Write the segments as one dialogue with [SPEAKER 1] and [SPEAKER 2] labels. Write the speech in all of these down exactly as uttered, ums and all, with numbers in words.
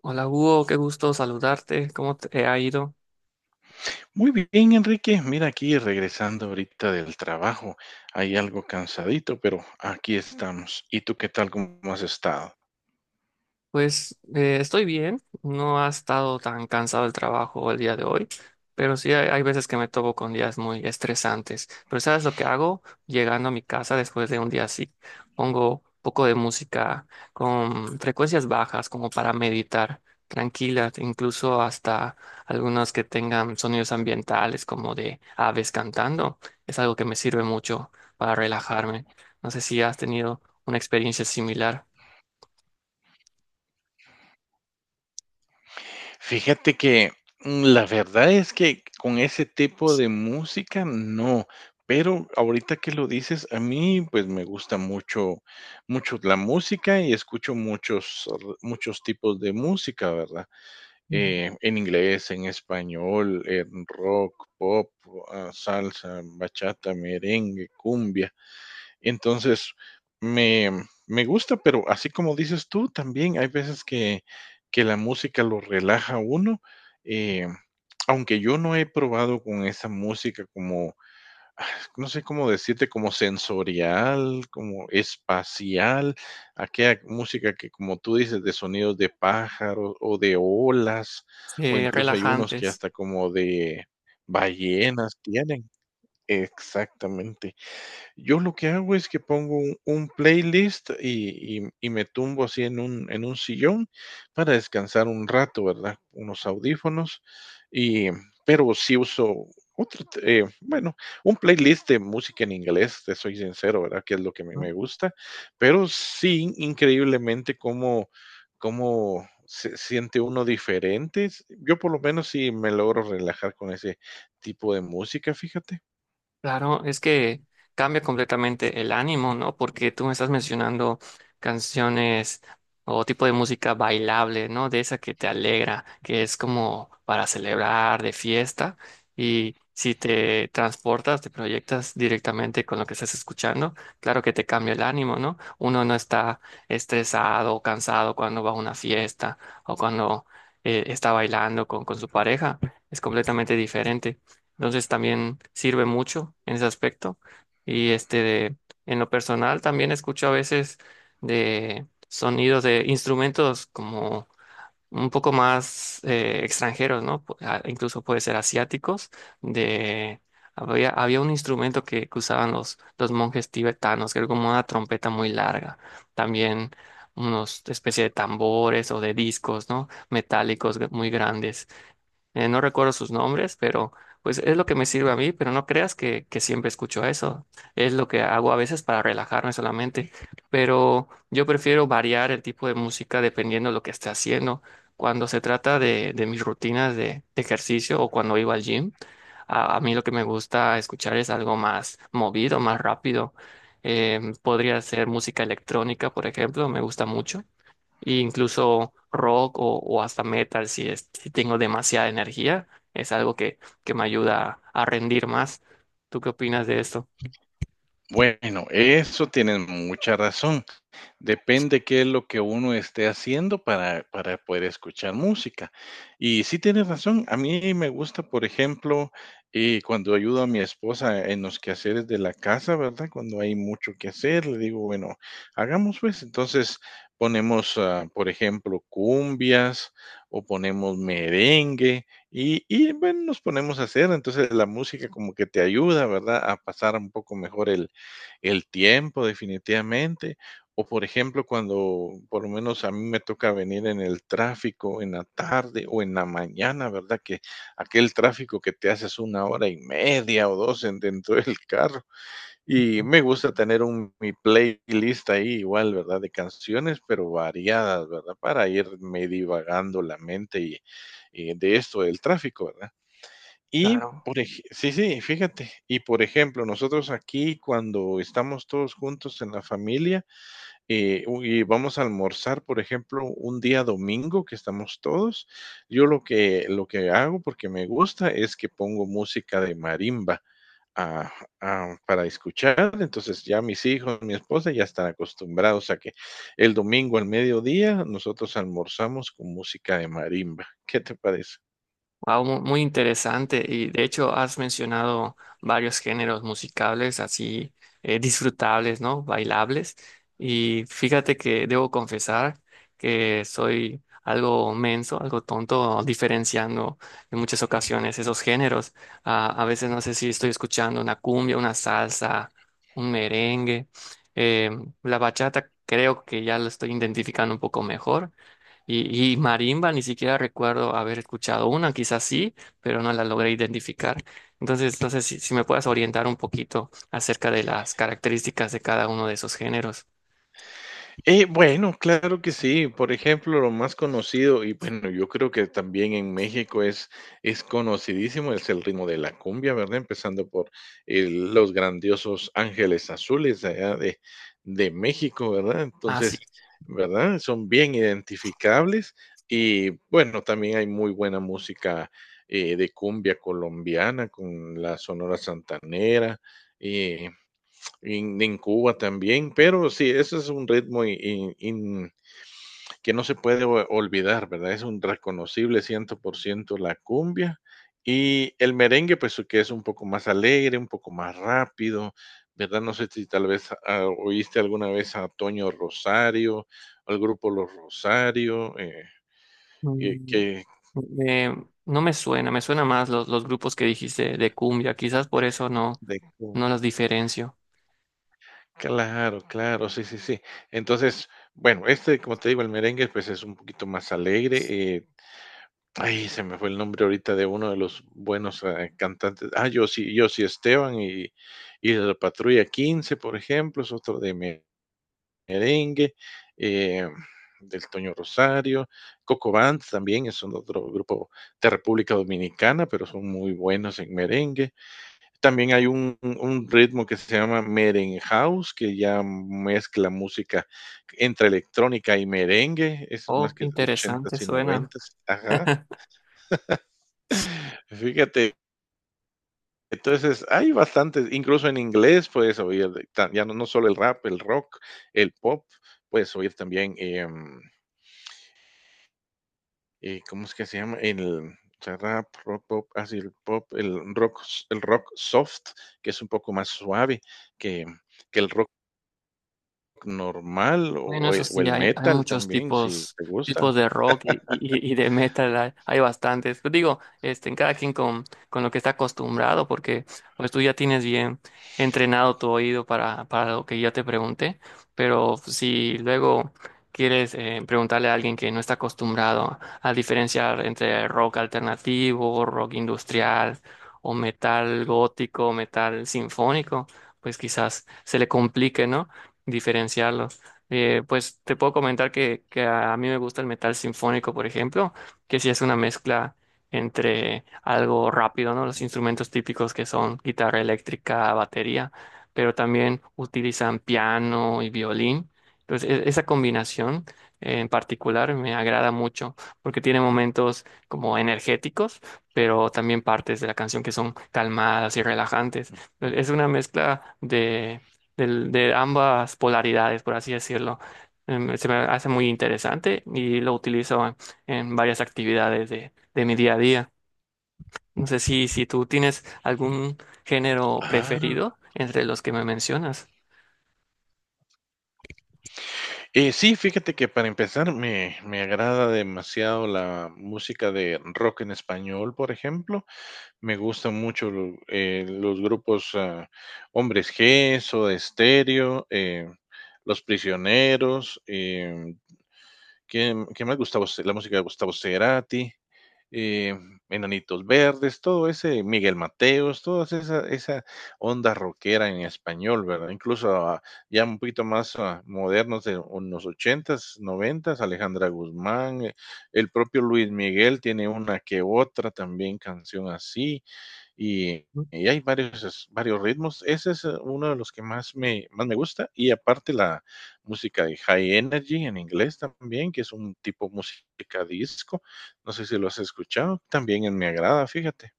[SPEAKER 1] Hola Hugo, qué gusto saludarte. ¿Cómo te ha ido?
[SPEAKER 2] Muy bien, Enrique. Mira, aquí regresando ahorita del trabajo. Hay algo cansadito, pero aquí estamos. ¿Y tú qué tal? ¿Cómo has estado?
[SPEAKER 1] Pues eh, estoy bien, no ha estado tan cansado el trabajo el día de hoy, pero sí hay, hay veces que me topo con días muy estresantes. Pero ¿sabes lo que hago? Llegando a mi casa después de un día así, pongo un poco de música con frecuencias bajas como para meditar, tranquila, incluso hasta algunas que tengan sonidos ambientales como de aves cantando. Es algo que me sirve mucho para relajarme. No sé si has tenido una experiencia similar.
[SPEAKER 2] Fíjate que mm, la verdad es que con ese tipo de música no, pero ahorita que lo dices, a mí pues me gusta mucho, mucho la música y escucho muchos, r- muchos tipos de música, ¿verdad? Eh, en inglés, en español, en rock, pop, ah, salsa, bachata, merengue, cumbia. Entonces, me, me gusta, pero así como dices tú, también hay veces que, que la música lo relaja a uno. eh, Aunque yo no he probado con esa música como no sé cómo decirte, como sensorial, como espacial, aquella música que, como tú dices, de sonidos de pájaros o de olas, o
[SPEAKER 1] Eh,
[SPEAKER 2] incluso hay unos que
[SPEAKER 1] relajantes.
[SPEAKER 2] hasta como de ballenas tienen. Exactamente. Yo lo que hago es que pongo un, un playlist y, y- y me tumbo así en un, en un sillón para descansar un rato, ¿verdad? Unos audífonos y, pero sí uso otro, t- eh, bueno, un playlist de música en inglés, te soy sincero, ¿verdad? Que es lo que me
[SPEAKER 1] ¿No?
[SPEAKER 2] me gusta, pero sí, increíblemente cómo, cómo se siente uno diferente. Yo por lo menos sí me logro relajar con ese tipo de música, fíjate.
[SPEAKER 1] Claro, es que cambia completamente el ánimo, ¿no? Porque tú me estás mencionando canciones o tipo de música bailable, ¿no? De esa que te alegra, que es como para celebrar, de fiesta. Y si te transportas, te proyectas directamente con lo que estás escuchando, claro que te cambia el ánimo, ¿no? Uno no está estresado o cansado cuando va a una fiesta o cuando eh, está bailando con, con su pareja. Es completamente diferente. Entonces también sirve mucho en ese aspecto. Y este de, en lo personal también escucho a veces de sonidos de instrumentos como un poco más eh, extranjeros, ¿no? Pu- ah, Incluso puede ser asiáticos. De, había, había un instrumento que, que usaban los, los monjes tibetanos, que era como una trompeta muy larga. También unos especie de tambores o de discos, ¿no? Metálicos g- muy grandes. Eh, no recuerdo sus nombres, pero pues es lo que me sirve a mí, pero no creas que, que siempre escucho eso. Es lo que hago a veces para relajarme solamente, pero yo prefiero variar el tipo de música dependiendo de lo que esté haciendo. Cuando se trata de, de mis rutinas de, de ejercicio o cuando iba al gym, a, a mí lo que me gusta escuchar es algo más movido, más rápido. Em, podría ser música electrónica, por ejemplo, me gusta mucho e incluso rock o, o hasta metal si, es- si tengo demasiada energía, es algo que, que me ayuda a rendir más. ¿Tú qué opinas de esto?
[SPEAKER 2] Bueno, eso tienen mucha razón. Depende qué es lo que uno esté haciendo para, para poder escuchar música. Y sí tienes razón, a mí me gusta, por ejemplo, eh, cuando ayudo a mi esposa en los quehaceres de la casa, ¿verdad? Cuando hay mucho que hacer, le digo, bueno, hagamos pues. Entonces ponemos, ah, por ejemplo, cumbias o ponemos merengue y, y bueno, nos ponemos a hacer. Entonces la música como que te ayuda, ¿verdad? A pasar un poco mejor el el tiempo definitivamente. O por ejemplo, cuando por lo menos a mí me toca venir en el tráfico en la tarde o en la mañana, ¿verdad? Que aquel tráfico que te haces una hora y media o dos en- dentro del carro. Y me gusta tener un, mi playlist ahí igual, ¿verdad? De canciones, pero variadas, ¿verdad? Para irme divagando la mente y, y de esto del tráfico, ¿verdad? Y,
[SPEAKER 1] Claro.
[SPEAKER 2] por ej sí, sí, fíjate. Y, por ejemplo, nosotros aquí cuando estamos todos juntos en la familia, eh, u y vamos a almorzar, por ejemplo, un día domingo que estamos todos, yo lo que lo que hago, porque me gusta, es que pongo música de marimba, ah, ah, para escuchar. Entonces, ya mis hijos, mi esposa ya están acostumbrados a que el domingo al mediodía nosotros almorzamos con música de marimba. ¿Qué te parece?
[SPEAKER 1] Wow, mu- muy interesante. Y de hecho has mencionado varios géneros musicales así eh, disfrutables, ¿no? Bailables. Y fíjate que debo confesar que soy algo menso, algo tonto, diferenciando en muchas ocasiones esos géneros. Ah, a veces no sé si estoy escuchando una cumbia, una salsa, un merengue. Eh, la bachata creo que ya lo estoy identificando un poco mejor. Y, y marimba, ni siquiera recuerdo haber escuchado una, quizás sí, pero no la logré identificar. Entonces, entonces si, si me puedas orientar un poquito acerca de las características de cada uno de esos géneros.
[SPEAKER 2] Eh, bueno, claro que sí. Por ejemplo, lo más conocido, y bueno, yo creo que también en México es, es conocidísimo, es el ritmo de la cumbia, ¿verdad? Empezando por el- los grandiosos Ángeles Azules de allá de, de México, ¿verdad?
[SPEAKER 1] Ah, sí.
[SPEAKER 2] Entonces, ¿verdad? Son bien identificables y bueno, también hay muy buena música eh, de cumbia colombiana con la Sonora Santanera. eh, en, en Cuba también, pero sí, ese es un ritmo y- y- y que no se puede o- olvidar, ¿verdad? Es un reconocible cien por ciento la cumbia y el merengue, pues que es un poco más alegre, un poco más rápido, ¿verdad? No sé si tal vez ah, oíste alguna vez a Toño Rosario, al grupo Los Rosario, eh, que,
[SPEAKER 1] Mm,
[SPEAKER 2] que
[SPEAKER 1] eh, no me suena, me suena más los, los grupos que dijiste de cumbia, quizás por eso no,
[SPEAKER 2] de
[SPEAKER 1] no
[SPEAKER 2] cumbia.
[SPEAKER 1] los diferencio.
[SPEAKER 2] Claro, claro, sí, sí, sí. Entonces, bueno, este, como te digo, el merengue, pues es un poquito más alegre, eh, ay, se me fue el nombre ahorita de uno de los buenos eh, cantantes. Ah, yo sí, yo sí Esteban y, y de la Patrulla quince, por ejemplo, es otro de me- merengue, eh, del Toño Rosario, Coco Bands también es un otro grupo de República Dominicana, pero son muy buenos en merengue. También hay un, un un ritmo que se llama Merengue House, que ya mezcla música entre electrónica y merengue, es más
[SPEAKER 1] Oh, qué
[SPEAKER 2] que
[SPEAKER 1] interesante
[SPEAKER 2] ochentas y
[SPEAKER 1] suena.
[SPEAKER 2] noventas, ajá. Fíjate, entonces hay bastantes, incluso en inglés puedes oír, de- ta- ya no, no solo el rap, el rock, el pop, puedes oír también, em, eh, ¿cómo es que se llama? El o sea, rap, rock, pop, así el pop, el rock, s- el rock soft, que es un poco más suave que, que el rock normal
[SPEAKER 1] Bueno,
[SPEAKER 2] o
[SPEAKER 1] eso
[SPEAKER 2] el,
[SPEAKER 1] sí,
[SPEAKER 2] o el
[SPEAKER 1] hay, hay
[SPEAKER 2] metal
[SPEAKER 1] muchos
[SPEAKER 2] también, si
[SPEAKER 1] tipos,
[SPEAKER 2] te gusta.
[SPEAKER 1] tipos de rock y, y- y de metal, hay, hay bastantes. Pero digo, este, en cada quien con, con lo que está acostumbrado, porque pues tú ya tienes bien entrenado tu oído para, para lo que yo te pregunté, pero si luego quieres eh, preguntarle a alguien que no está acostumbrado a diferenciar entre rock alternativo, rock industrial o metal gótico, metal sinfónico, pues quizás se le complique, ¿no? Diferenciarlo. Eh, pues te puedo comentar que, que a mí me gusta el metal sinfónico, por ejemplo, que sí es una mezcla entre algo rápido, ¿no? Los instrumentos típicos que son guitarra eléctrica, batería, pero también utilizan piano y violín. Entonces, e- esa combinación eh, en particular me agrada mucho porque tiene momentos como energéticos, pero también partes de la canción que son calmadas y relajantes.
[SPEAKER 2] Mm,
[SPEAKER 1] Es una mezcla del- de ambas polaridades, por así decirlo. Em, se me hace muy interesante y lo utilizo en, en varias actividades de, de mi día a día. No sé si, si tú tienes algún género
[SPEAKER 2] ah,
[SPEAKER 1] preferido entre los que me mencionas.
[SPEAKER 2] eh, sí, fíjate que para empezar me me agrada demasiado la música de rock en español, por ejemplo, me gustan mucho lo- eh, los grupos ah, Hombres G, Soda Stereo, eh, Los Prisioneros. Eh, ¿qué, qué más? Gustavo, Ce- la música de Gustavo Cerati, eh, Enanitos Verdes, todo ese, Miguel Mateos, toda esa, esa onda rockera en español, ¿verdad? Incluso ah, ya un poquito más ah, modernos de unos ochentas, noventas, Alejandra Guzmán, eh, el propio Luis Miguel tiene una que otra también canción así y, y hay varios, varios ritmos. Ese es eh, uno de los que más me, más me gusta. Y aparte la música de High Energy en inglés también, que es un tipo música disco. No sé si lo has escuchado. También me agrada, fíjate.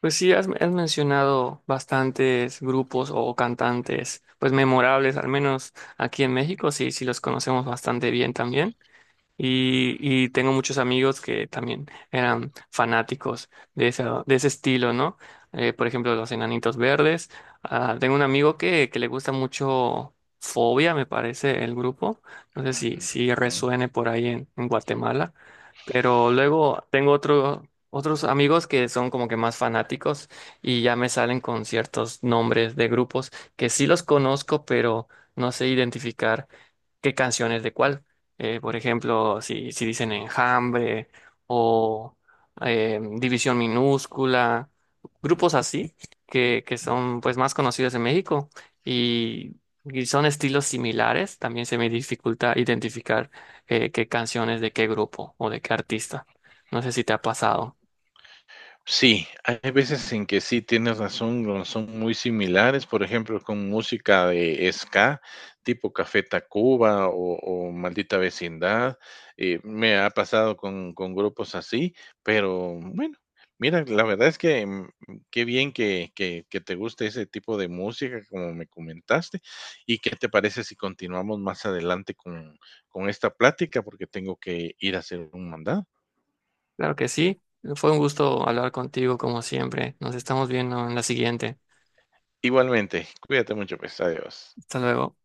[SPEAKER 1] Pues sí, has, has mencionado bastantes grupos o cantantes, pues memorables, al menos aquí en México, sí, sí los conocemos bastante bien también. Y, y tengo muchos amigos que también eran fanáticos de ese, de ese estilo, ¿no? Eh, por ejemplo, los Enanitos Verdes. Ah, tengo un amigo que, que le gusta mucho Fobia, me parece, el grupo. No sé si, si resuene por ahí en, en Guatemala. Pero luego tengo otro, otros amigos que son como que más fanáticos y ya me salen con ciertos nombres de grupos que sí los conozco, pero no sé identificar qué canciones de cuál. Eh, por ejemplo, si, si dicen Enjambre o eh, División Minúscula, grupos así que, que son pues más conocidos en México y, y son estilos similares, también se me dificulta identificar eh, qué canciones de qué grupo o de qué artista. No sé si te ha pasado.
[SPEAKER 2] Sí, hay veces en que sí tienes razón, no son muy similares, por ejemplo, con música de ska, tipo Café Tacuba o, o Maldita Vecindad, eh, me ha pasado con, con grupos así, pero bueno, mira, la verdad es que mm, qué bien que, que, que te guste ese tipo de música, como me comentaste, y qué te parece si continuamos más adelante con, con esta plática, porque tengo que ir a hacer un mandado.
[SPEAKER 1] Claro que sí. Fue un gusto hablar contigo como siempre. Nos estamos viendo en la siguiente.
[SPEAKER 2] Igualmente, cuídate mucho, pues, adiós.
[SPEAKER 1] Hasta luego.